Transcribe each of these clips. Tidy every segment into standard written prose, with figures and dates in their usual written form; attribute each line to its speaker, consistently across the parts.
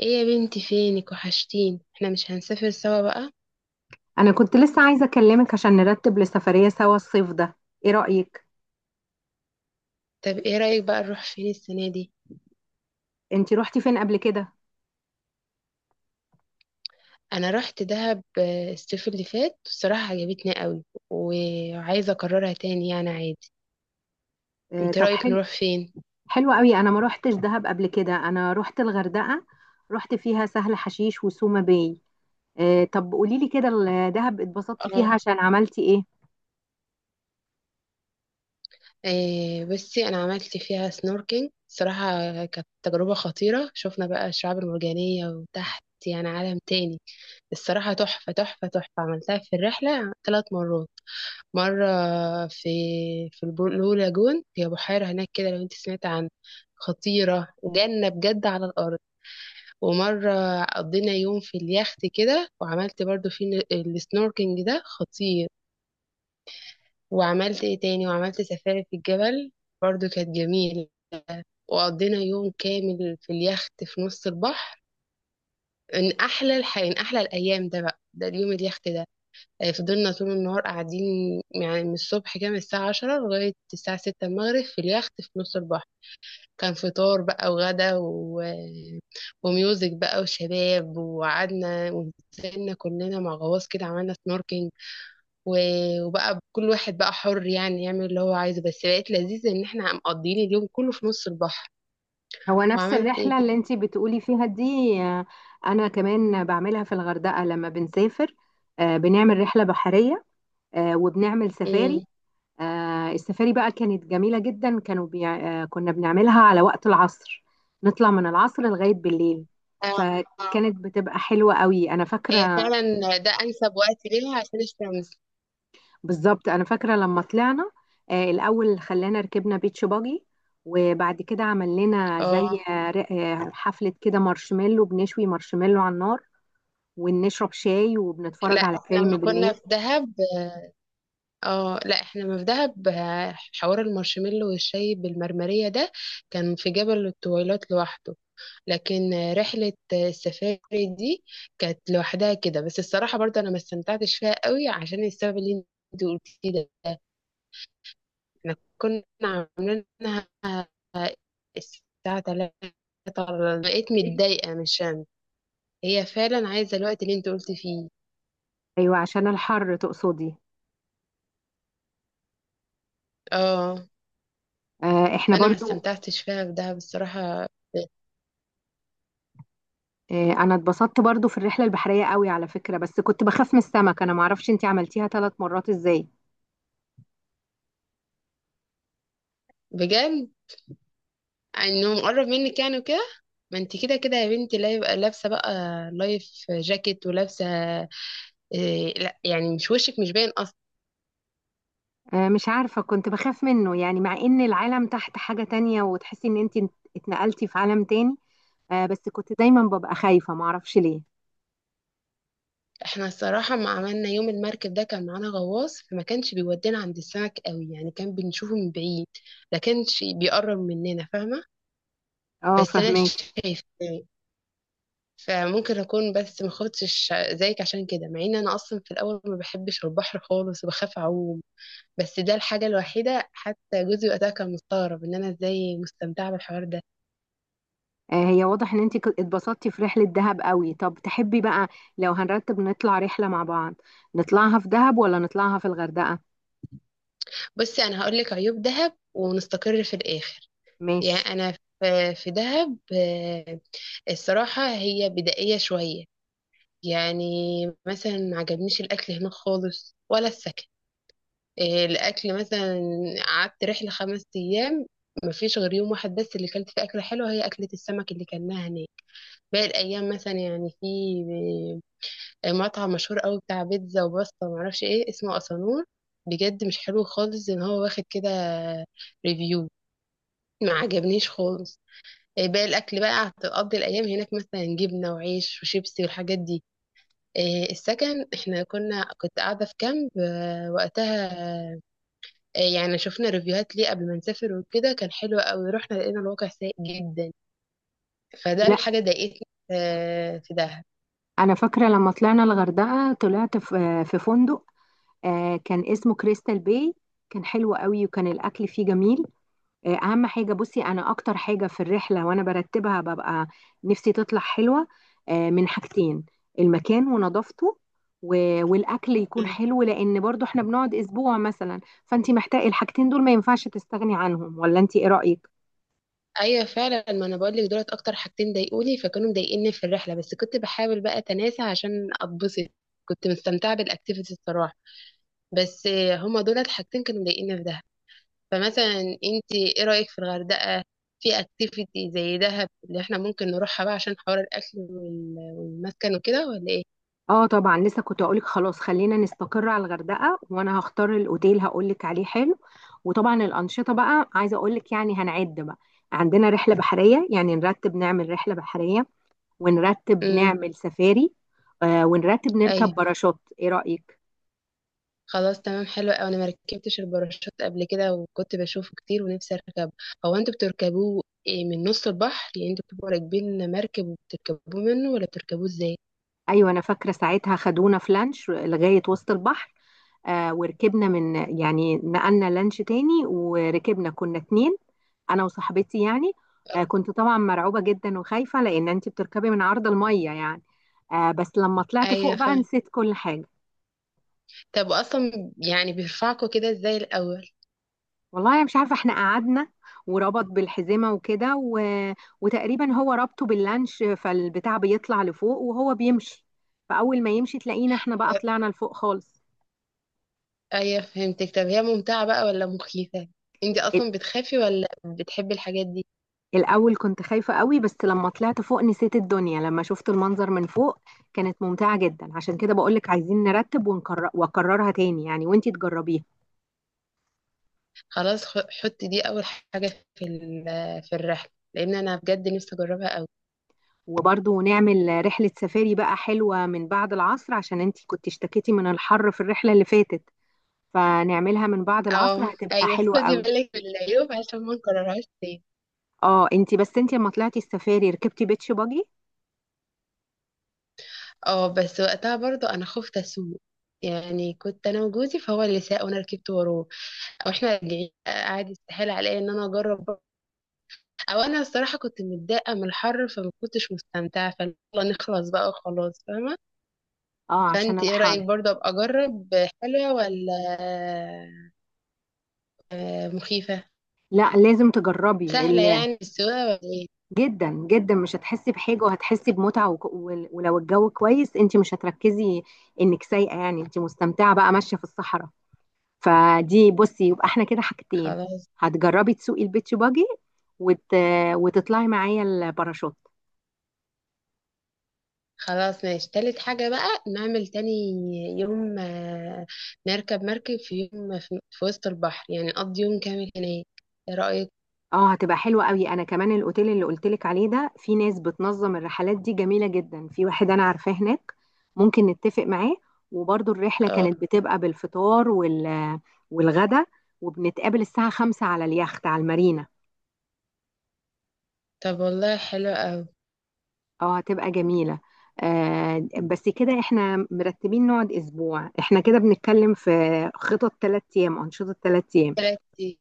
Speaker 1: ايه يا بنتي؟ فينك، وحشتين. احنا مش هنسافر سوا بقى؟
Speaker 2: انا كنت لسه عايزه اكلمك عشان نرتب لسفريه سوا الصيف ده. ايه رايك؟
Speaker 1: طب ايه رأيك بقى نروح فين السنة دي؟
Speaker 2: انتي روحتي فين قبل كده؟
Speaker 1: انا رحت دهب. الصيف اللي فات الصراحة عجبتني قوي، وعايزة اكررها تاني يعني عادي.
Speaker 2: آه
Speaker 1: انت
Speaker 2: طب
Speaker 1: رأيك
Speaker 2: حلو.
Speaker 1: نروح فين؟
Speaker 2: حلو قوي، انا ما روحتش دهب قبل كده، انا روحت الغردقه. روحت فيها سهل حشيش وسوما باي. آه طب قولي لي كده، الدهب اتبسطتي فيها
Speaker 1: اه.
Speaker 2: عشان عملتي ايه؟
Speaker 1: إيه، بصي، انا عملت فيها سنوركينج صراحة. كانت تجربة خطيرة، شفنا بقى الشعاب المرجانية وتحت يعني عالم تاني. الصراحة تحفة تحفة تحفة. عملتها في الرحلة ثلاث مرات. مرة في في البلو لاجون، هي بحيرة هناك كده لو انت سمعت عنها. خطيرة، جنة بجد على الأرض. ومرة قضينا يوم في اليخت كده، وعملت برضو السنوركينج ده خطير. وعملت ايه تاني، وعملت سفاري في الجبل، برضو كانت جميلة. وقضينا يوم كامل في اليخت في نص البحر. من أحلى أحلى الأيام ده بقى، ده اليوم اليخت ده. فضلنا طول النهار قاعدين، يعني من الصبح كده، من الساعة عشرة لغاية الساعة ستة المغرب في اليخت في نص البحر. كان فطار بقى وغدا وميوزك بقى وشباب، وقعدنا ونزلنا كلنا مع غواص كده، عملنا سنوركينج، و... وبقى كل واحد بقى حر يعني يعمل اللي هو عايزه، بس بقت لذيذة ان احنا مقضيين اليوم كله في نص البحر.
Speaker 2: هو نفس
Speaker 1: وعملت ايه
Speaker 2: الرحله
Speaker 1: تاني.
Speaker 2: اللي انتي بتقولي فيها دي؟ آه. انا كمان بعملها في الغردقه لما بنسافر. آه بنعمل رحله بحريه. آه وبنعمل سفاري.
Speaker 1: مم.
Speaker 2: السفاري بقى كانت جميلة جدا، كانوا بيع... آه، كنا بنعملها على وقت العصر. نطلع من العصر لغاية بالليل.
Speaker 1: آه، آه.
Speaker 2: فكانت بتبقى حلوة قوي، أنا
Speaker 1: هي
Speaker 2: فاكرة.
Speaker 1: فعلا. ده انسب وقت ليها عشان الشمس.
Speaker 2: بالظبط أنا فاكرة لما طلعنا. الأول خلانا ركبنا بيتش باجي. وبعد كده عمل لنا
Speaker 1: اه،
Speaker 2: زي حفلة كده، مارشميلو، بنشوي مارشميلو على النار ونشرب شاي
Speaker 1: لا
Speaker 2: وبنتفرج على
Speaker 1: احنا
Speaker 2: فيلم
Speaker 1: لما كنا
Speaker 2: بالليل.
Speaker 1: في دهب. اه لا، احنا ما في دهب، حوار المارشميلو والشاي بالمرمرية ده كان في جبل الطويلات لوحده. لكن رحلة السفاري دي كانت لوحدها كده. بس الصراحة برضه انا ما استمتعتش فيها قوي عشان السبب اللي انت قلتيه ده. احنا كنا عاملينها الساعة 3، بقيت متضايقة مش أنا. هي فعلا عايزة الوقت اللي انت قلت فيه.
Speaker 2: أيوة عشان الحر تقصدي؟
Speaker 1: اه.
Speaker 2: احنا
Speaker 1: فانا ما
Speaker 2: برضو.
Speaker 1: استمتعتش فيها في دهب الصراحة.
Speaker 2: انا اتبسطت برضو في الرحله البحريه قوي على فكره، بس كنت بخاف من السمك، انا معرفش انتي عملتيها 3 مرات ازاي.
Speaker 1: بجد، انه مقرب منك يعني وكده. ما انت كده كده يا بنتي، لا يبقى لابسه بقى لايف جاكيت ولابسه. إيه لا، يعني مش وشك مش باين اصلا.
Speaker 2: مش عارفه، كنت بخاف منه يعني، مع ان العالم تحت حاجه تانية وتحسي ان انتي اتنقلتي في عالم تاني. بس كنت دايما ببقى خايفه معرفش ليه.
Speaker 1: احنا الصراحه ما عملنا يوم المركب ده كان معانا غواص، فما كانش بيودينا عند السمك قوي يعني، كان بنشوفه من بعيد. ما كانش بيقرب مننا، فاهمه.
Speaker 2: اه
Speaker 1: بس انا
Speaker 2: فهماكي.
Speaker 1: شايفه يعني، فممكن اكون بس ما خفتش زيك عشان كده، مع ان انا اصلا في الاول ما بحبش البحر خالص وبخاف اعوم. بس ده الحاجة الوحيدة، حتى جوزي وقتها كان مستغرب ان انا ازاي مستمتعة بالحوار ده.
Speaker 2: هي واضح ان انتي اتبسطتي في رحله دهب قوي. طب تحبي بقى لو هنرتب نطلع رحله مع بعض، نطلعها في دهب ولا نطلعها في الغردقه؟
Speaker 1: بصي، انا هقولك عيوب دهب ونستقر في الاخر. يعني
Speaker 2: ماشي.
Speaker 1: انا في دهب، الصراحة هي بدائية شوية. يعني مثلا ما عجبنيش الاكل هناك خالص ولا السكن. الاكل مثلا، قعدت رحلة خمس ايام، مفيش غير يوم واحد بس اللي كلت فيه أكلة حلوة، هي أكلة السمك اللي كلناها هناك. باقي الأيام مثلا يعني، في مطعم مشهور قوي بتاع بيتزا وباستا ومعرفش ايه اسمه، أسانور. بجد مش حلو خالص، ان هو واخد كده ريفيو، ما عجبنيش خالص. باقي الاكل بقى هتقضي الايام هناك مثلا جبنه وعيش وشيبسي والحاجات دي. السكن، احنا كنت قاعده في كامب وقتها. يعني شفنا ريفيوهات ليه قبل ما نسافر وكده، كان حلو قوي، رحنا لقينا الواقع سيء جدا. فده
Speaker 2: لا،
Speaker 1: الحاجه ضايقتني في دهب.
Speaker 2: انا فاكره لما طلعنا الغردقه طلعت في فندق. آه كان اسمه كريستال باي. كان حلو قوي وكان الاكل فيه جميل. آه اهم حاجه بصي، انا اكتر حاجه في الرحله وانا برتبها ببقى نفسي تطلع حلوه، آه من حاجتين: المكان ونظافته والاكل يكون حلو، لان برضو احنا بنقعد اسبوع مثلا، فانت محتاجه الحاجتين دول، ما ينفعش تستغني عنهم. ولا انت ايه رايك؟
Speaker 1: ايوه فعلا، ما انا بقول لك دولت اكتر حاجتين ضايقوني، فكانوا مضايقيني في الرحله، بس كنت بحاول بقى اتناسى عشان اتبسط. كنت مستمتعه بالاكتيفيتي الصراحه. بس هما دولت حاجتين كانوا مضايقيني في دهب. فمثلا انت ايه رايك في الغردقه؟ في اكتيفيتي زي دهب اللي احنا ممكن نروحها بقى، عشان حوار الاكل والمسكن وكده، ولا ايه؟
Speaker 2: اه طبعا، لسه كنت اقولك خلاص خلينا نستقر على الغردقه. وانا هختار الاوتيل، هقولك عليه حلو. وطبعا الانشطه بقى عايزه اقولك، يعني هنعد بقى: عندنا رحله بحريه، يعني نرتب نعمل رحله بحريه، ونرتب
Speaker 1: امم
Speaker 2: نعمل سفاري. آه ونرتب نركب باراشوت، ايه رايك؟
Speaker 1: خلاص تمام، حلو قوي. انا ما ركبتش الباراشوت قبل كده، وكنت بشوفه كتير ونفسي اركبه. هو انتوا بتركبوه إيه، من نص البحر يعني؟ انتوا بتبقوا راكبين مركب وبتركبوه منه، ولا بتركبوه ازاي؟
Speaker 2: ايوه انا فاكره ساعتها خدونا في لانش لغايه وسط البحر. آه وركبنا من، يعني نقلنا لانش تاني، وركبنا كنا اتنين، انا وصاحبتي يعني. آه كنت طبعا مرعوبة جدا وخايفة، لان انت بتركبي من عرض المية يعني. آه بس لما طلعت فوق
Speaker 1: ايوه
Speaker 2: بقى
Speaker 1: فاهم.
Speaker 2: نسيت كل حاجة.
Speaker 1: طب اصلا يعني بيرفعكوا كده ازاي الاول؟
Speaker 2: والله انا مش عارفة، احنا قعدنا وربط بالحزمة وكده وتقريبا هو ربطه باللانش، فالبتاع بيطلع لفوق وهو بيمشي، فاول ما يمشي تلاقينا احنا بقى
Speaker 1: طب
Speaker 2: طلعنا لفوق خالص.
Speaker 1: ايوه فهمتك. طب هي ممتعة بقى ولا مخيفة؟ انت اصلا بتخافي ولا بتحبي الحاجات دي؟
Speaker 2: الأول كنت خايفة قوي، بس لما طلعت فوق نسيت الدنيا لما شفت المنظر من فوق. كانت ممتعة جدا، عشان كده بقولك عايزين نرتب ونكرر وأكررها تاني يعني، وانتي تجربيها.
Speaker 1: خلاص، حطي دي اول حاجة في الرحلة، لان انا بجد نفسي اجربها قوي.
Speaker 2: وبرضه نعمل رحلة سفاري بقى حلوة من بعد العصر، عشان انتي كنت اشتكيتي من الحر في الرحلة اللي فاتت، فنعملها من بعد العصر
Speaker 1: اه
Speaker 2: هتبقى
Speaker 1: ايوه،
Speaker 2: حلوة
Speaker 1: خدي
Speaker 2: قوي.
Speaker 1: بالك من العيوب عشان ما نكررهاش تاني.
Speaker 2: اه انتي بس انتي لما طلعتي السفاري ركبتي بيتش باجي.
Speaker 1: اه، بس وقتها برضو انا خفت اسوق، يعني كنت انا وجوزي، فهو اللي ساق وانا ركبت وراه. او احنا راجعين قاعد، يستحيل عليا ان انا اجرب برضه. او انا الصراحه كنت متضايقه من الحر، فما كنتش مستمتعه فيلا، نخلص بقى وخلاص فاهمه.
Speaker 2: اه عشان
Speaker 1: فانت ايه رايك،
Speaker 2: الحر.
Speaker 1: برضو ابقى اجرب؟ حلوه ولا مخيفه؟
Speaker 2: لا لازم تجربي.
Speaker 1: سهله يعني السواقه ولا ايه؟
Speaker 2: جدا جدا مش هتحسي بحاجه، وهتحسي بمتعه، ولو الجو كويس انت مش هتركزي انك سايقه، يعني انت مستمتعه بقى ماشيه في الصحراء. فدي بصي، يبقى احنا كده حاجتين:
Speaker 1: خلاص.
Speaker 2: هتجربي تسوقي البيتش باجي، وت... وتطلعي معايا الباراشوت.
Speaker 1: خلاص ماشي، تالت حاجة بقى نعمل تاني يوم، نركب مركب في يوم في وسط البحر، يعني نقضي يوم كامل هناك. ايه رأيك؟
Speaker 2: اه هتبقى حلوة قوي. انا كمان الاوتيل اللي قلتلك عليه ده في ناس بتنظم الرحلات دي جميلة جدا، في واحد انا عارفاه هناك ممكن نتفق معاه. وبرضو الرحلة
Speaker 1: اه
Speaker 2: كانت بتبقى بالفطار والغدا، وبنتقابل الساعة 5 على اليخت على المارينا.
Speaker 1: طب والله حلو أوي.
Speaker 2: اه هتبقى جميلة. آه بس كده احنا مرتبين نقعد اسبوع، احنا كده بنتكلم في خطط ثلاث ايام، انشطة ثلاث ايام.
Speaker 1: تلات أيام.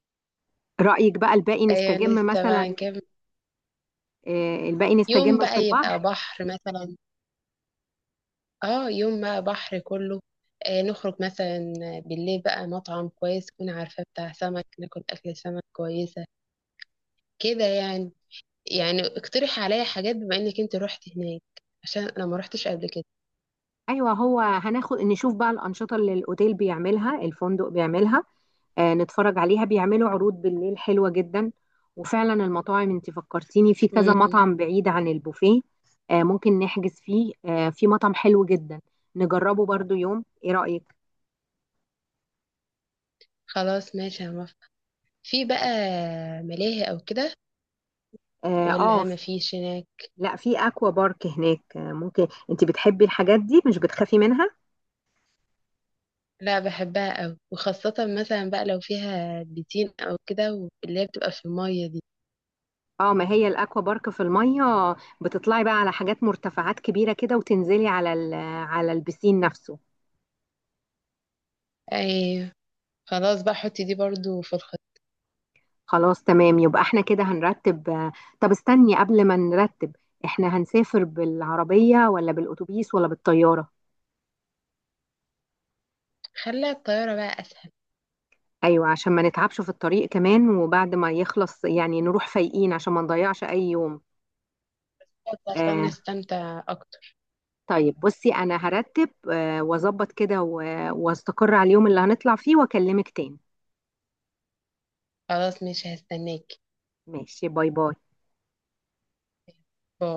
Speaker 2: رأيك بقى الباقي
Speaker 1: أيوة،
Speaker 2: نستجم
Speaker 1: لسه بقى
Speaker 2: مثلا؟
Speaker 1: نكمل.
Speaker 2: آه الباقي
Speaker 1: يوم
Speaker 2: نستجم في
Speaker 1: بقى يبقى
Speaker 2: البحر.
Speaker 1: بحر مثلا. اه، يوم بقى بحر كله. نخرج مثلا بالليل بقى، مطعم كويس تكون عارفاه بتاع سمك، ناكل أكل سمك كويسة كده يعني. يعني اقترح عليا حاجات بما إنك انت روحت هناك، عشان أنا ما روحتش قبل
Speaker 2: ايوه، هو هناخد نشوف بقى الانشطه اللي الاوتيل بيعملها، الفندق بيعملها. آه نتفرج عليها، بيعملوا عروض بالليل حلوه جدا. وفعلا المطاعم انت فكرتيني في كذا
Speaker 1: كده.
Speaker 2: مطعم بعيد عن البوفيه. آه ممكن نحجز فيه، آه في مطعم حلو جدا نجربه برضو يوم، ايه رايك؟
Speaker 1: خلاص ماشي هنوافق. في بقى ملاهي او كده،
Speaker 2: اه,
Speaker 1: ولا ما فيش هناك؟
Speaker 2: لا، في اكوا بارك هناك، آه ممكن، انت بتحبي الحاجات دي مش بتخافي منها؟
Speaker 1: لا، بحبها أوي، وخاصة مثلا بقى لو فيها بيتين أو كده، واللي هي بتبقى في المية دي.
Speaker 2: اه، ما هي الاكوا بارك في الميه، بتطلعي بقى على حاجات مرتفعات كبيره كده، وتنزلي على على البسين نفسه.
Speaker 1: أي. خلاص بقى، حطي دي برضو في الخط.
Speaker 2: خلاص تمام، يبقى احنا كده هنرتب. آه طب استني قبل ما نرتب، احنا هنسافر بالعربية ولا بالأتوبيس ولا بالطيارة؟
Speaker 1: خلي الطيارة بقى أسهل،
Speaker 2: ايوه، عشان ما نتعبش في الطريق كمان، وبعد ما يخلص يعني نروح فايقين عشان ما نضيعش اي يوم.
Speaker 1: عشان
Speaker 2: آه
Speaker 1: نستمتع أكتر.
Speaker 2: طيب بصي، انا هرتب آه واظبط كده واستقر على اليوم اللي هنطلع فيه واكلمك تاني.
Speaker 1: خلاص ماشي، هستناكي.
Speaker 2: ماشي، باي باي.
Speaker 1: باي.